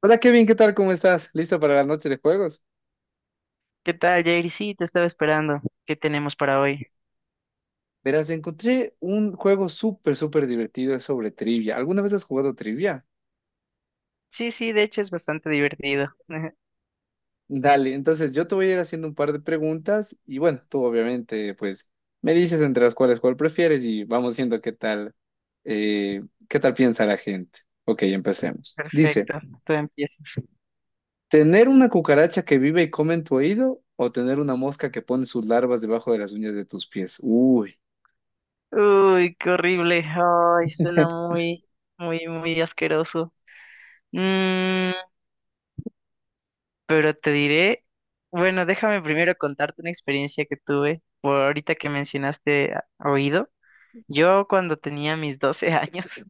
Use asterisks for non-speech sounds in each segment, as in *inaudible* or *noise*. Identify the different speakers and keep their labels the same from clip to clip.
Speaker 1: Hola Kevin, ¿qué tal? ¿Cómo estás? ¿Listo para la noche de juegos?
Speaker 2: ¿Qué tal, Jair? Sí, te estaba esperando. ¿Qué tenemos para hoy?
Speaker 1: Verás, encontré un juego súper, súper divertido, es sobre trivia. ¿Alguna vez has jugado trivia?
Speaker 2: Sí, sí, de hecho es bastante divertido. *laughs*
Speaker 1: Dale, entonces yo te voy a ir haciendo un par de preguntas y bueno, tú obviamente pues me dices entre las cuales cuál prefieres y vamos viendo eh, qué tal piensa la gente. Ok, empecemos. Dice,
Speaker 2: Perfecto, tú empiezas.
Speaker 1: ¿tener una cucaracha que vive y come en tu oído o tener una mosca que pone sus larvas debajo de las uñas de tus pies? Uy,
Speaker 2: Uy, qué horrible. Ay, suena
Speaker 1: *laughs*
Speaker 2: muy, muy, muy asqueroso. Mm, pero te diré, bueno, déjame primero contarte una experiencia que tuve por ahorita que mencionaste oído. Yo cuando tenía mis 12 *laughs* años,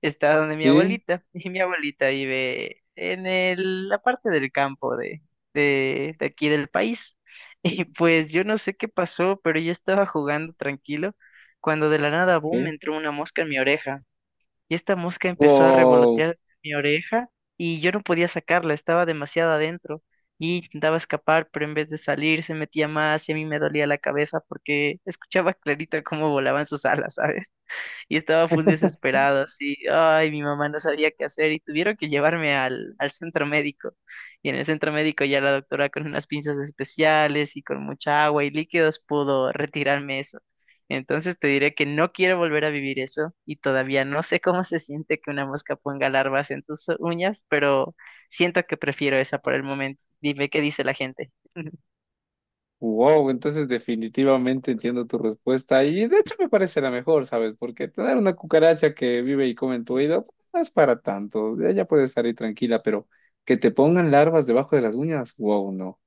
Speaker 2: está donde mi
Speaker 1: sí,
Speaker 2: abuelita, *laughs* y mi abuelita vive en la parte del campo de, de aquí del país. *laughs* Y pues yo no sé qué pasó, pero yo estaba jugando tranquilo cuando de la nada, boom,
Speaker 1: ok.
Speaker 2: entró una mosca en mi oreja. Y esta mosca empezó a
Speaker 1: Wow.
Speaker 2: revolotear mi oreja y yo no podía sacarla, estaba demasiado adentro. Y intentaba escapar, pero en vez de salir se metía más y a mí me dolía la cabeza porque escuchaba clarito cómo volaban sus alas, ¿sabes? Y estaba full desesperado, así, ay, mi mamá no sabía qué hacer y tuvieron que llevarme al centro médico. Y en el centro médico ya la doctora con unas pinzas especiales y con mucha agua y líquidos pudo retirarme eso. Entonces te diré que no quiero volver a vivir eso y todavía no sé cómo se siente que una mosca ponga larvas en tus uñas, pero siento que prefiero esa por el momento. Dime qué dice la gente. *laughs*
Speaker 1: Wow, entonces definitivamente entiendo tu respuesta y de hecho me parece la mejor, ¿sabes? Porque tener una cucaracha que vive y come en tu oído pues, no es para tanto, ella puede estar ahí tranquila, pero que te pongan larvas debajo de las uñas, wow, no.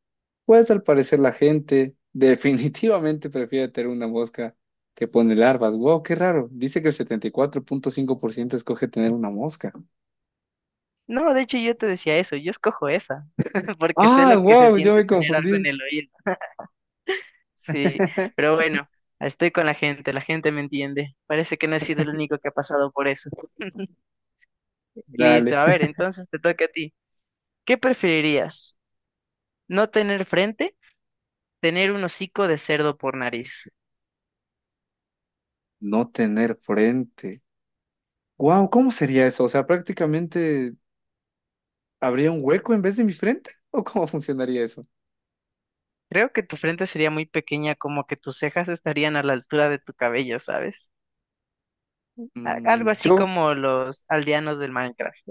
Speaker 1: Pues al parecer la gente definitivamente *laughs* prefiere tener una mosca que pone larvas, wow, qué raro. Dice que el 74,5% escoge tener una mosca.
Speaker 2: No, de hecho yo te decía eso, yo escojo esa, *laughs* porque sé
Speaker 1: Ah,
Speaker 2: lo que se
Speaker 1: wow, yo
Speaker 2: siente
Speaker 1: me
Speaker 2: tener algo en
Speaker 1: confundí.
Speaker 2: el oído. Sí,
Speaker 1: *laughs*
Speaker 2: pero bueno, estoy con la gente me entiende. Parece que no he sido el único que ha pasado por eso.
Speaker 1: Dale,
Speaker 2: Listo, a ver, entonces te toca a ti. ¿Qué preferirías? ¿No tener frente? ¿Tener un hocico de cerdo por nariz?
Speaker 1: no tener frente. Wow, ¿cómo sería eso? O sea, prácticamente habría un hueco en vez de mi frente, *laughs* ¿o cómo funcionaría eso?
Speaker 2: Creo que tu frente sería muy pequeña, como que tus cejas estarían a la altura de tu cabello, ¿sabes? Algo
Speaker 1: Mm,
Speaker 2: así
Speaker 1: yo,
Speaker 2: como los aldeanos del Minecraft.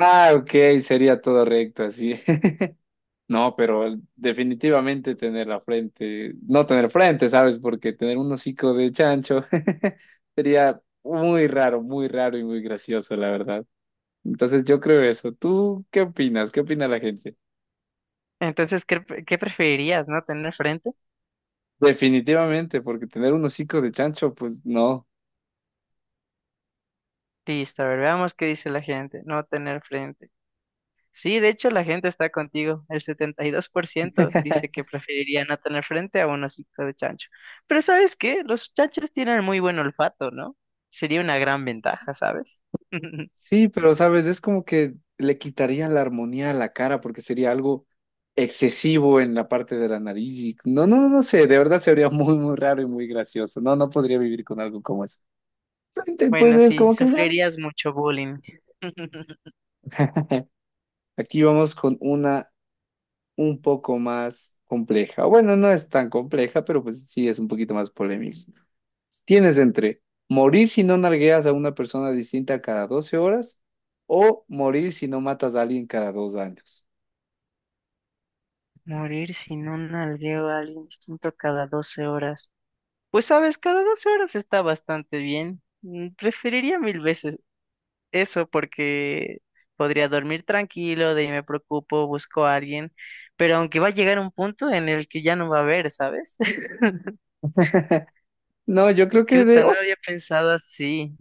Speaker 1: ah, ok, sería todo recto así. *laughs* No, pero definitivamente tener la frente, no tener frente, ¿sabes? Porque tener un hocico de chancho *laughs* sería muy raro y muy gracioso, la verdad. Entonces yo creo eso. ¿Tú qué opinas? ¿Qué opina la gente?
Speaker 2: Entonces, ¿qué preferirías? ¿No tener frente?
Speaker 1: Definitivamente, porque tener un hocico de chancho, pues no.
Speaker 2: Listo, a ver, veamos qué dice la gente. No tener frente. Sí, de hecho la gente está contigo. El 72% dice
Speaker 1: *laughs*
Speaker 2: que preferiría no tener frente a un hocico de chancho. Pero ¿sabes qué? Los chanchos tienen muy buen olfato, ¿no? Sería una gran ventaja, ¿sabes? *laughs*
Speaker 1: Sí, pero sabes, es como que le quitaría la armonía a la cara porque sería algo excesivo en la parte de la nariz. No, no, no sé, de verdad sería muy, muy raro y muy gracioso. No, no podría vivir con algo como eso. Pues
Speaker 2: Bueno,
Speaker 1: es
Speaker 2: sí,
Speaker 1: como que ya.
Speaker 2: sufrirías mucho bullying. *laughs*
Speaker 1: *laughs* Aquí vamos con una un poco más compleja. Bueno, no es tan compleja, pero pues sí es un poquito más polémica. Tienes entre morir si no nargueas a una persona distinta cada 12 horas o morir si no matas a alguien cada 2 años.
Speaker 2: Morir si no nalgueo a alguien distinto cada 12 horas. Pues sabes, cada 12 horas está bastante bien. Preferiría mil veces eso porque podría dormir tranquilo, de ahí me preocupo, busco a alguien, pero aunque va a llegar un punto en el que ya no va a haber, ¿sabes? *laughs*
Speaker 1: No, yo creo que
Speaker 2: Chuta, no
Speaker 1: o
Speaker 2: lo
Speaker 1: sea,
Speaker 2: había pensado así.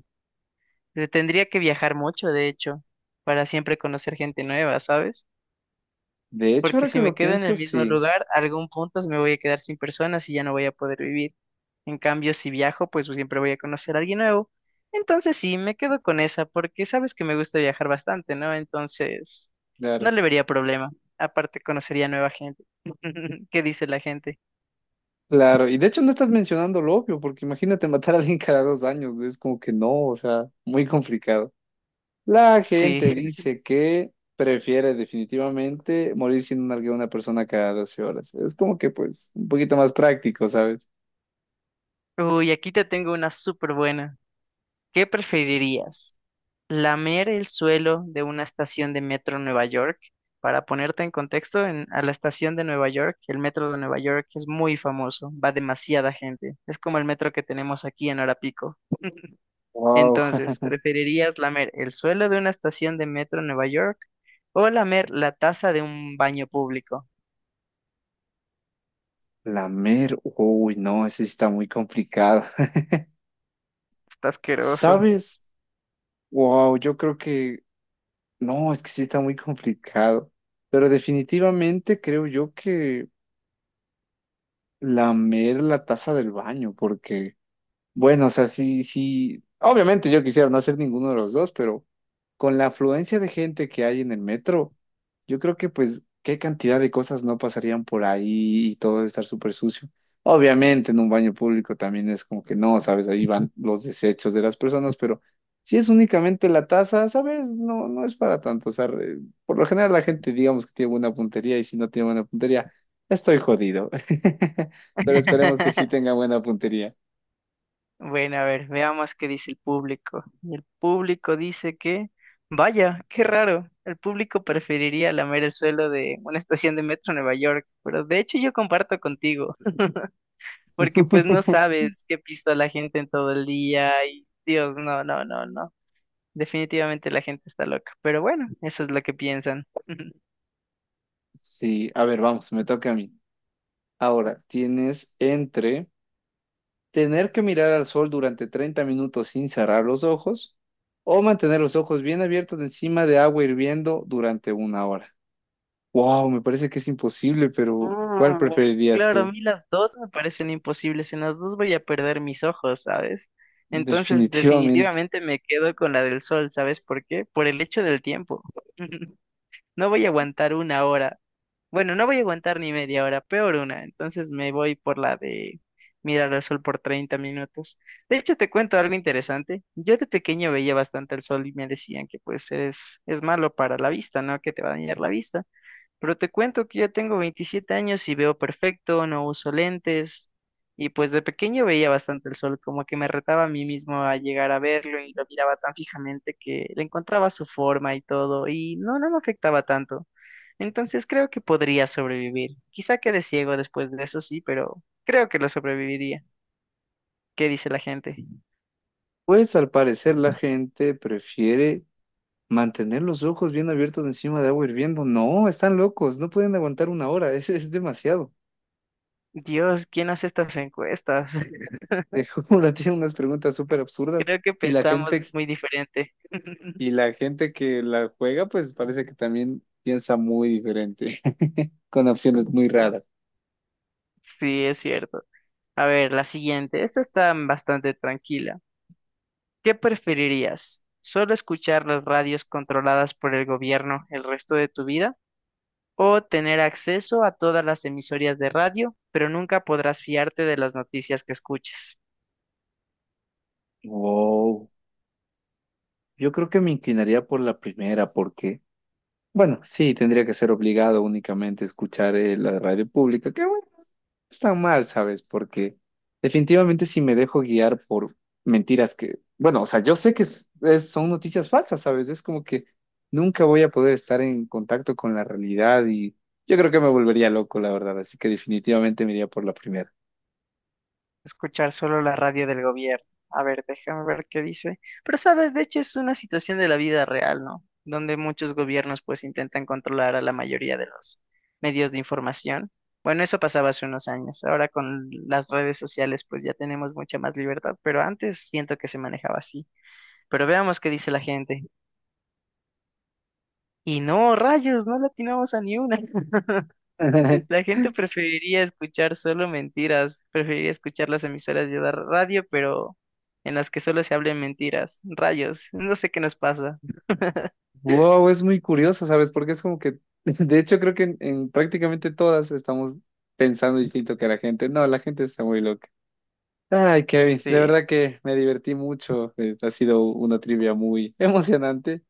Speaker 2: Tendría que viajar mucho, de hecho, para siempre conocer gente nueva, ¿sabes?
Speaker 1: de hecho,
Speaker 2: Porque
Speaker 1: ahora que
Speaker 2: si me
Speaker 1: lo
Speaker 2: quedo en
Speaker 1: pienso,
Speaker 2: el mismo
Speaker 1: sí,
Speaker 2: lugar, algún punto me voy a quedar sin personas y ya no voy a poder vivir. En cambio, si viajo, pues, siempre voy a conocer a alguien nuevo. Entonces sí, me quedo con esa, porque sabes que me gusta viajar bastante, ¿no? Entonces, no
Speaker 1: claro,
Speaker 2: le vería problema. Aparte, conocería nueva gente. *laughs* ¿Qué dice la gente?
Speaker 1: claro. Y de hecho no estás mencionando lo obvio, porque imagínate *laughs* matar a alguien cada 2 años, es como que no, o sea, muy complicado. La
Speaker 2: Sí.
Speaker 1: gente
Speaker 2: *laughs*
Speaker 1: dice que prefiere definitivamente morir sin un nalgue a una persona cada 12 horas. Es como que pues un poquito más práctico, ¿sabes?
Speaker 2: Uy, aquí te tengo una súper buena. ¿Qué preferirías? ¿Lamer el suelo de una estación de metro en Nueva York? Para ponerte en contexto, a la estación de Nueva York, el metro de Nueva York es muy famoso, va demasiada gente, es como el metro que tenemos aquí en hora pico.
Speaker 1: Wow,
Speaker 2: Entonces,
Speaker 1: *laughs*
Speaker 2: ¿preferirías lamer el suelo de una estación de metro en Nueva York o lamer la taza de un baño público?
Speaker 1: lamer, uy, no, ese sí está muy complicado. *laughs*
Speaker 2: Está asqueroso.
Speaker 1: ¿Sabes? Wow, yo creo que no, es que sí está muy complicado. Pero definitivamente creo yo que lamer la taza del baño, porque bueno, o sea, sí, sí, obviamente yo quisiera no hacer ninguno de los dos, pero con la afluencia de gente que hay en el metro, yo creo que pues qué cantidad de cosas no pasarían por ahí y todo debe estar súper sucio. Obviamente en un baño público también es como que no, sabes, ahí van los desechos de las personas, pero si es únicamente la taza, sabes, no, no es para tanto. O sea, por lo general la gente digamos que tiene buena puntería y si no tiene buena puntería, estoy jodido. *laughs* Pero esperemos que sí
Speaker 2: *laughs*
Speaker 1: tenga buena puntería.
Speaker 2: Bueno, a ver, veamos qué dice el público. Y el público dice que, vaya, qué raro. El público preferiría lamer el suelo de una estación de metro en Nueva York, pero de hecho yo comparto contigo, porque pues no
Speaker 1: *laughs*
Speaker 2: sabes qué pisó la gente en todo el día y Dios, no, no, no, no. Definitivamente la gente está loca, pero bueno, eso es lo que piensan. *laughs*
Speaker 1: Sí, a ver, vamos, me toca a mí. Ahora, tienes entre tener que mirar al sol durante 30 minutos sin cerrar los ojos o mantener los ojos bien abiertos encima de agua hirviendo durante una hora. Wow, me parece que es imposible, pero ¿cuál
Speaker 2: Uh,
Speaker 1: preferirías
Speaker 2: claro, a
Speaker 1: tú?
Speaker 2: mí las dos me parecen imposibles, en las dos voy a perder mis ojos, ¿sabes?
Speaker 1: *laughs*
Speaker 2: Entonces,
Speaker 1: Definitivamente.
Speaker 2: definitivamente me quedo con la del sol, ¿sabes por qué? Por el hecho del tiempo. *laughs* No voy a aguantar una hora. Bueno, no voy a aguantar ni media hora, peor una. Entonces me voy por la de mirar al sol por 30 minutos. De hecho, te cuento algo interesante. Yo de pequeño veía bastante el sol y me decían que pues es malo para la vista, ¿no? Que te va a dañar la vista. Pero te cuento que ya tengo 27 años y veo perfecto, no uso lentes. Y pues de pequeño veía bastante el sol, como que me retaba a mí mismo a llegar a verlo y lo miraba tan fijamente que le encontraba su forma y todo, y no, no me afectaba tanto. Entonces creo que podría sobrevivir. Quizá quede ciego después de eso, sí, pero creo que lo sobreviviría. ¿Qué dice la gente?
Speaker 1: Pues al parecer la gente prefiere mantener los ojos bien abiertos encima de agua hirviendo. No, están locos, no pueden aguantar una hora, *laughs* es demasiado.
Speaker 2: Dios, ¿quién hace estas encuestas? *laughs*
Speaker 1: *laughs* Como la tiene unas preguntas súper absurdas
Speaker 2: Creo que
Speaker 1: y la
Speaker 2: pensamos
Speaker 1: gente.
Speaker 2: muy diferente.
Speaker 1: Y la gente que la juega, pues parece que también piensa muy diferente, *laughs* con opciones muy raras.
Speaker 2: Sí, es cierto. A ver, la siguiente. Esta está bastante tranquila. ¿Qué preferirías? ¿Solo escuchar las radios controladas por el gobierno el resto de tu vida? ¿O tener acceso a todas las emisoras de radio, pero nunca podrás fiarte de las noticias que escuches?
Speaker 1: Wow. Yo creo que me inclinaría por la primera porque, bueno, sí, tendría que ser obligado únicamente a escuchar la radio pública, que está mal, ¿sabes? Porque definitivamente si me dejo guiar por mentiras que, bueno, o sea, yo sé que son noticias falsas, ¿sabes? Es como que nunca voy a poder estar en contacto con la realidad y yo creo que me volvería loco, la verdad, así que definitivamente me iría por la primera.
Speaker 2: Escuchar solo la radio del gobierno. A ver, déjame ver qué dice. Pero sabes, de hecho es una situación de la vida real, ¿no? Donde muchos gobiernos pues intentan controlar a la mayoría de los medios de información. Bueno, eso pasaba hace unos años. Ahora con las redes sociales pues ya tenemos mucha más libertad, pero antes siento que se manejaba así. Pero veamos qué dice la gente. Y no, rayos, no latinamos a ni una.
Speaker 1: *laughs*
Speaker 2: La gente preferiría escuchar solo mentiras, preferiría escuchar las emisoras de la radio, pero en las que solo se hablen mentiras. Rayos, no sé qué nos pasa. *laughs*
Speaker 1: Wow, es muy curioso, ¿sabes? Porque es como que, *laughs* de hecho, creo que en prácticamente todas estamos pensando distinto que la gente. No, la gente está muy loca. Ay, Kevin, de
Speaker 2: Sí,
Speaker 1: verdad que me divertí mucho. Ha sido una trivia muy *laughs* emocionante.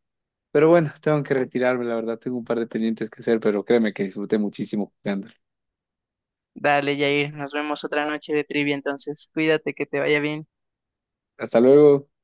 Speaker 1: Pero bueno, tengo que retirarme, la verdad. Tengo un par de pendientes que hacer, pero créeme que disfruté muchísimo jugando.
Speaker 2: dale, Jair, nos vemos otra noche de trivia entonces. Cuídate, que te vaya bien.
Speaker 1: Hasta luego.